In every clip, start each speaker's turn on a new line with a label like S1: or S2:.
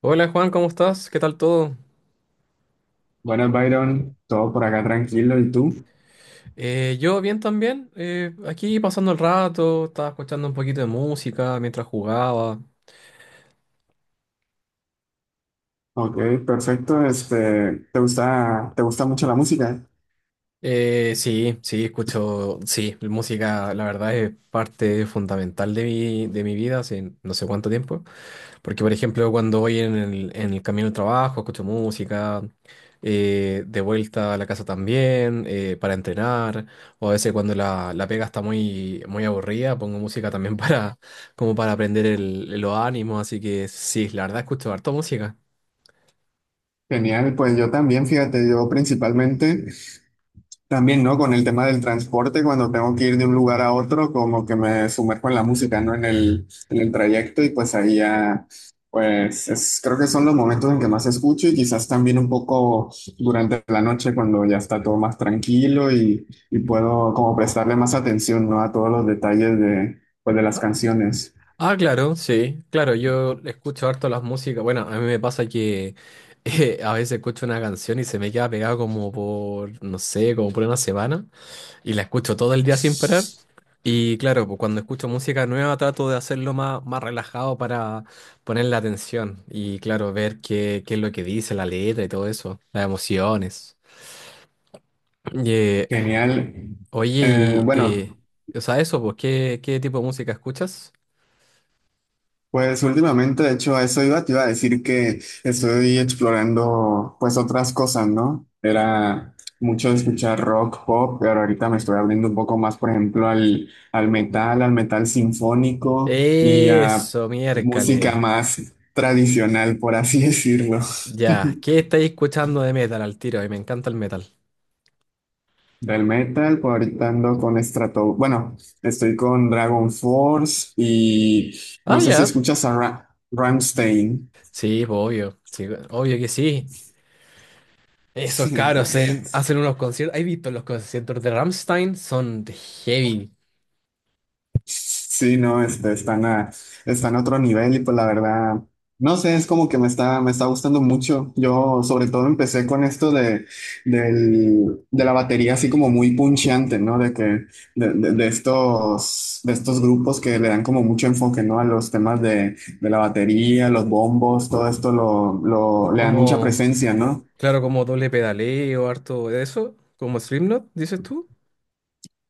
S1: Hola Juan, ¿cómo estás? ¿Qué tal todo?
S2: Buenas, Byron. Todo por acá tranquilo. ¿Y tú?
S1: Yo bien también, aquí pasando el rato, estaba escuchando un poquito de música mientras jugaba.
S2: Ok, perfecto. Te gusta mucho la música?
S1: Sí, sí, escucho, sí, la música, la verdad es parte fundamental de mi vida hace no sé cuánto tiempo, porque por ejemplo cuando voy en el camino al trabajo escucho música, de vuelta a la casa también, para entrenar, o a veces cuando la pega está muy aburrida pongo música también para, como para aprender el, los ánimos, así que sí, la verdad escucho harto música.
S2: Genial. Pues yo también, fíjate, yo principalmente también, ¿no? Con el tema del transporte, cuando tengo que ir de un lugar a otro, como que me sumerjo en la música, ¿no? En el trayecto y pues ahí ya, pues creo que son los momentos en que más escucho y quizás también un poco durante la noche cuando ya está todo más tranquilo y puedo como prestarle más atención, ¿no? A todos los detalles de, pues, de las canciones.
S1: Ah, claro, sí, claro, yo escucho harto las músicas. Bueno, a mí me pasa que a veces escucho una canción y se me queda pegada como por, no sé, como por una semana y la escucho todo el día sin parar. Y claro, pues cuando escucho música nueva trato de hacerlo más, más relajado para ponerle atención y claro, ver qué, qué es lo que dice la letra y todo eso, las emociones. Y, eh,
S2: Genial.
S1: oye, y, eh,
S2: Bueno.
S1: o sea, eso, pues, ¿qué, qué tipo de música escuchas?
S2: Pues últimamente, de hecho, a eso iba, te iba a decir que estoy explorando pues otras cosas, ¿no? Era mucho de escuchar rock, pop, pero ahorita me estoy abriendo un poco más, por ejemplo, al metal, al metal sinfónico y a
S1: Eso, miércoles.
S2: música más tradicional, por así decirlo.
S1: Ya, ¿qué estáis escuchando de metal al tiro? Y me encanta el metal.
S2: Del metal, pues ahorita ando con Strato, bueno, estoy con Dragon Force y
S1: Ah,
S2: no sé si
S1: ya.
S2: escuchas a Rammstein.
S1: Sí, pues, obvio. Sí, obvio que sí. Esos cabros hacen unos conciertos. ¿Has visto los conciertos de Rammstein? Son de heavy.
S2: Sí, no, este, están a otro nivel y pues la verdad, no sé, es como que me está gustando mucho. Yo sobre todo empecé con esto de, del, de la batería así como muy puncheante, ¿no? De estos, de estos grupos que le dan como mucho enfoque, ¿no? A los temas de la batería, los bombos, todo esto le dan mucha
S1: Como,
S2: presencia, ¿no?
S1: claro, como doble pedaleo, harto de eso. Como Slipknot, dices tú.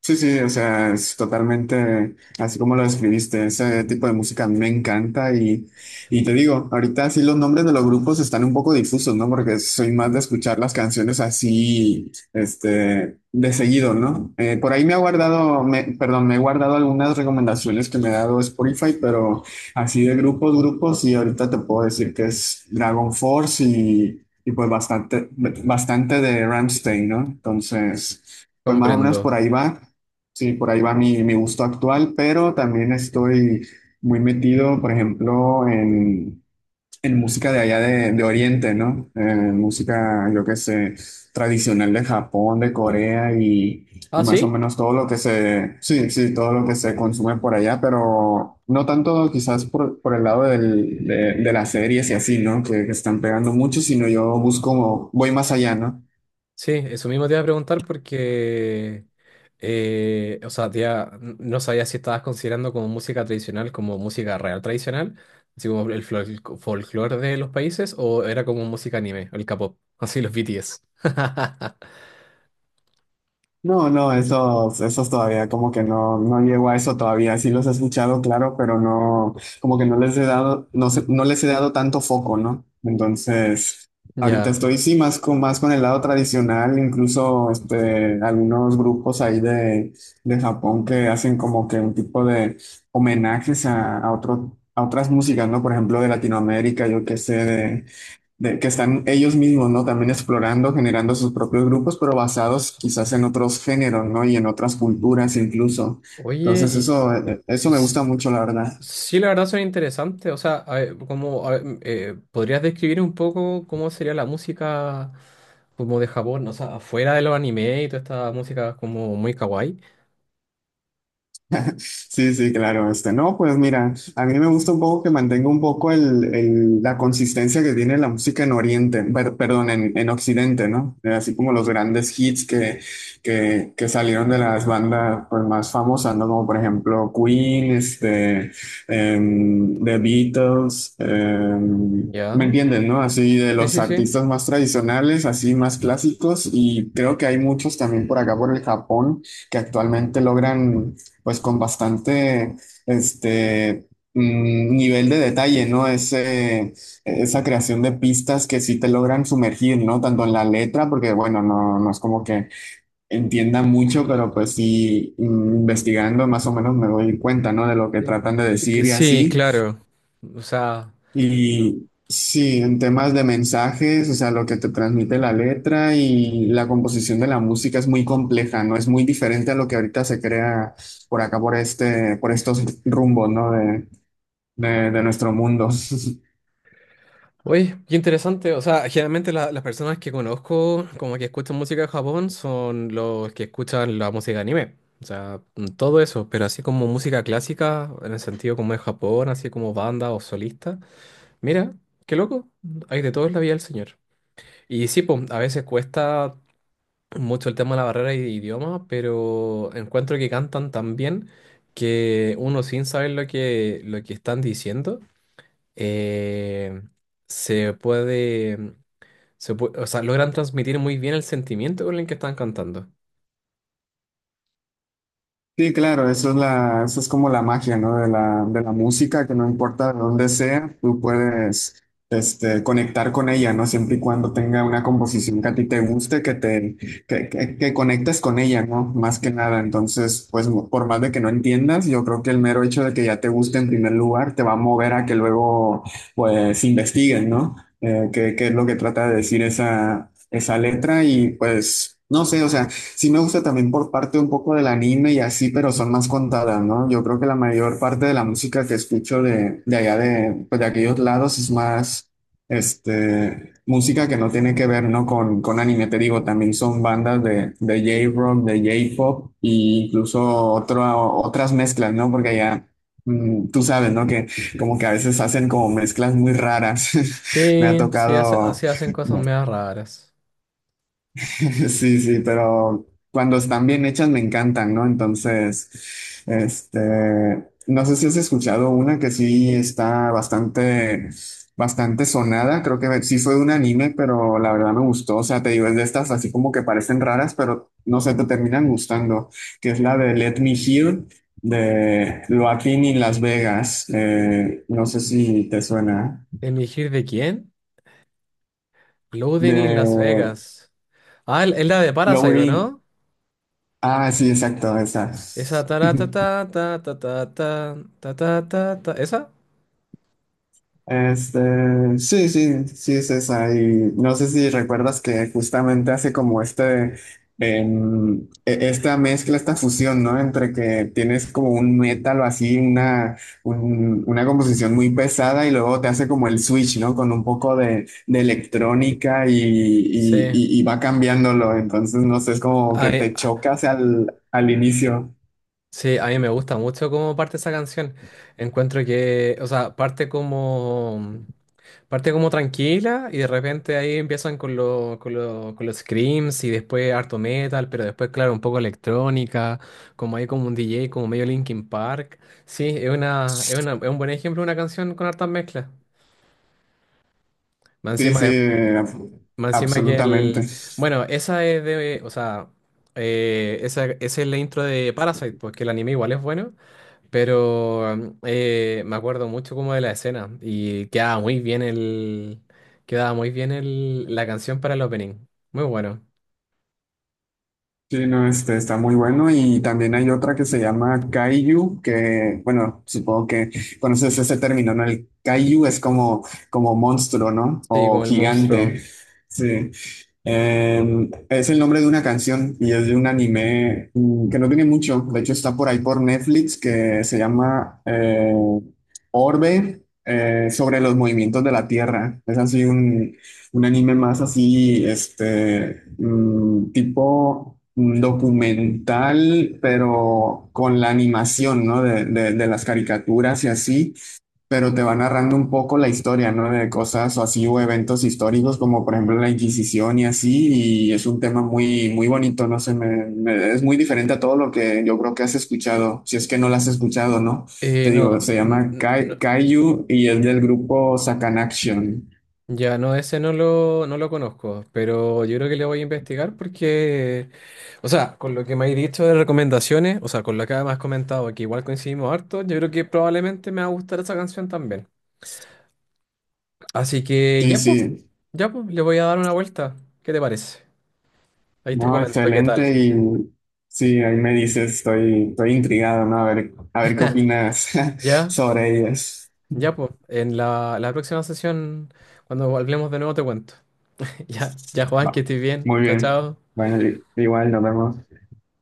S2: Sí, sí, o sea, es totalmente así como lo describiste. Ese tipo de música me encanta y te digo, ahorita sí los nombres de los grupos están un poco difusos, ¿no? Porque soy más de escuchar las canciones así, este, de seguido, ¿no? Por ahí me he guardado algunas recomendaciones que me ha dado Spotify, pero así de grupos, grupos, y ahorita te puedo decir que es Dragon Force y pues bastante, bastante de Rammstein, ¿no? Entonces... Pues más o menos por
S1: Comprendo.
S2: ahí va. Sí, por ahí va mi, mi gusto actual, pero también estoy muy metido, por ejemplo, en música de allá de Oriente, ¿no? En música, yo qué sé, tradicional de Japón, de Corea
S1: Ah,
S2: y más o
S1: sí.
S2: menos todo lo que se, sí, sí, todo lo que se consume por allá, pero no tanto quizás por el lado de las series y así, ¿no? Que están pegando mucho, sino yo busco, voy más allá, ¿no?
S1: Sí, eso mismo te iba a preguntar porque, o sea, no sabía si estabas considerando como música tradicional, como música real tradicional, así como el folclore de los países, o era como música anime, el K-pop, así los BTS.
S2: No, no, esos, esos todavía como que no, no llego a eso todavía. Sí los he escuchado, claro, pero no, como que no les he dado, no les he dado tanto foco, ¿no? Entonces, ahorita
S1: Ya.
S2: estoy sí más con el lado tradicional, incluso este, algunos grupos ahí de Japón que hacen como que un tipo de homenajes a otro, a otras músicas, ¿no? Por ejemplo, de Latinoamérica, yo qué sé, que están ellos mismos, ¿no? También explorando, generando sus propios grupos, pero basados quizás en otros géneros, ¿no? Y en otras culturas incluso.
S1: Oye,
S2: Entonces, eso,
S1: y
S2: eso me
S1: s-
S2: gusta mucho, la verdad.
S1: sí, la verdad son interesantes. O sea, a ver, como, a ver, ¿podrías describir un poco cómo sería la música como de Japón? O sea, afuera de los anime y toda esta música como muy kawaii.
S2: Sí, sí, claro, este, no, pues mira, a mí me gusta un poco que mantenga un poco el, la consistencia que tiene la música en Oriente, perdón, en Occidente, ¿no? Así como los grandes hits que, que salieron de las bandas pues, más famosas, ¿no? Como por ejemplo Queen, este, The Beatles,
S1: Ya.
S2: ¿me entienden, no? Así de
S1: Sí,
S2: los
S1: sí, sí.
S2: artistas más tradicionales, así más clásicos, y creo que hay muchos también por acá, por el Japón, que actualmente logran pues con bastante este nivel de detalle, ¿no? Ese, esa creación de pistas que sí te logran sumergir, ¿no? Tanto en la letra, porque bueno, no, no es como que entienda mucho, pero pues sí, investigando más o menos me doy cuenta, ¿no? De lo que
S1: Eh,
S2: tratan de
S1: que
S2: decir y
S1: sí,
S2: así.
S1: claro. O sea,
S2: Y sí, en temas de mensajes, o sea, lo que te transmite la letra y la composición de la música es muy compleja, ¿no? Es muy diferente a lo que ahorita se crea por acá, por este, por estos rumbos, ¿no? De nuestro mundo.
S1: oye, qué interesante. O sea, generalmente las personas que conozco como que escuchan música de Japón son los que escuchan la música anime. O sea, mm, todo eso, pero así como música clásica, en el sentido como de Japón, así como banda o solista. Mira, qué loco. Hay de todo en la vida del señor. Y sí, pues, a veces cuesta mucho el tema de la barrera de idioma, pero encuentro que cantan tan bien que uno sin saber lo que están diciendo, eh, se puede, o sea, logran transmitir muy bien el sentimiento con el que están cantando.
S2: Sí, claro, eso es la, eso es como la magia, ¿no? De la música, que no importa de dónde sea, tú puedes, este, conectar con ella, ¿no? Siempre y cuando tenga una composición que a ti te guste, que, que conectes con ella, ¿no? Más que nada. Entonces, pues, por más de que no entiendas, yo creo que el mero hecho de que ya te guste en primer lugar te va a mover a que luego, pues, investiguen, ¿no? Qué, qué es lo que trata de decir esa, esa letra y, pues, no sé, o sea. Sí me gusta también por parte un poco del anime y así, pero son más contadas, ¿no? Yo creo que la mayor parte de la música que escucho de allá de, pues, de aquellos lados es más, este, música que no tiene que ver, ¿no? Con anime, te digo, también son bandas de J-Rock, de J-Pop e incluso otro, otras mezclas, ¿no? Porque allá, tú sabes, ¿no? Que como que a veces hacen como mezclas muy raras. Me ha
S1: Sí, sí,
S2: tocado...
S1: sí hacen cosas medio raras.
S2: Sí, sí, pero cuando están bien hechas me encantan, ¿no? Entonces, este, no sé si has escuchado una que sí está bastante, bastante sonada, creo que sí fue de un anime, pero la verdad me gustó, o sea, te digo, es de estas así como que parecen raras, pero no sé, te terminan gustando, que es la de Let Me Hear de Joaquín y Las Vegas, no sé si te suena,
S1: ¿Elegir de quién? Loading in Las
S2: de
S1: Vegas. Ah, es la de Parasite, ¿o
S2: Lowry,
S1: ¿no?
S2: ah, sí, exacto, esa.
S1: Esa ta ta ta ta ta ta ta ta ta ta ¿Esa?
S2: Este, sí, sí, sí, César. Y no sé si recuerdas que justamente hace como este, esta mezcla, esta fusión, ¿no? Entre que tienes como un metal o así, una, una composición muy pesada y luego te hace como el switch, ¿no? Con un poco de electrónica y,
S1: Sí.
S2: y va cambiándolo. Entonces, no sé, es como
S1: A,
S2: que
S1: mí,
S2: te chocas al, al inicio.
S1: Sí, a mí me gusta mucho cómo parte esa canción. Encuentro que, o sea, parte como tranquila y de repente ahí empiezan con, con, con los screams y después harto metal, pero después, claro, un poco electrónica, como hay como un DJ, como medio Linkin Park. Sí, es un buen ejemplo de una canción con hartas mezclas. Más
S2: Sí,
S1: encima
S2: sí,
S1: es más encima que
S2: absolutamente.
S1: el. Bueno, esa es de. O sea, esa, esa es la intro de Parasite, porque el anime igual es bueno. Pero mm, me acuerdo mucho como de la escena y quedaba muy bien el, quedaba muy bien la canción para el opening. Muy bueno.
S2: Sí, no, este está muy bueno y también hay otra que se llama Kaiju, que bueno, supongo que conoces ese término, ¿no? El Kaiju es como, como monstruo, ¿no?
S1: Sí,
S2: O
S1: como el monstruo.
S2: gigante. Sí. Es el nombre de una canción y es de un anime que no tiene mucho, de hecho está por ahí por Netflix que se llama Orbe, sobre los movimientos de la Tierra. Es así un anime más así, este, tipo documental, pero con la animación, ¿no? De, de las caricaturas y así, pero te va narrando un poco la historia, ¿no? De cosas o así, o eventos históricos, como por ejemplo la Inquisición y así, y es un tema muy, muy bonito, no sé, es muy diferente a todo lo que yo creo que has escuchado, si es que no lo has escuchado, ¿no? Te digo, se llama
S1: No,
S2: Kaiju y es del grupo Sakanaction.
S1: ya no, ese no lo, no lo conozco, pero yo creo que le voy a investigar porque, o sea, con lo que me has dicho de recomendaciones, o sea, con lo que además has comentado, que igual coincidimos harto, yo creo que probablemente me va a gustar esa canción también. Así que
S2: Sí, sí.
S1: ya pues, le voy a dar una vuelta. ¿Qué te parece? Ahí te
S2: No,
S1: comento qué tal.
S2: excelente. Y sí, ahí me dices, estoy, estoy intrigado, ¿no? A ver qué opinas
S1: Ya,
S2: sobre ellas.
S1: ya pues, en la próxima sesión, cuando hablemos de nuevo, te cuento. Ya, ya Juan, que
S2: Va,
S1: estés bien.
S2: muy
S1: Chao,
S2: bien.
S1: chao.
S2: Bueno, igual nos vemos.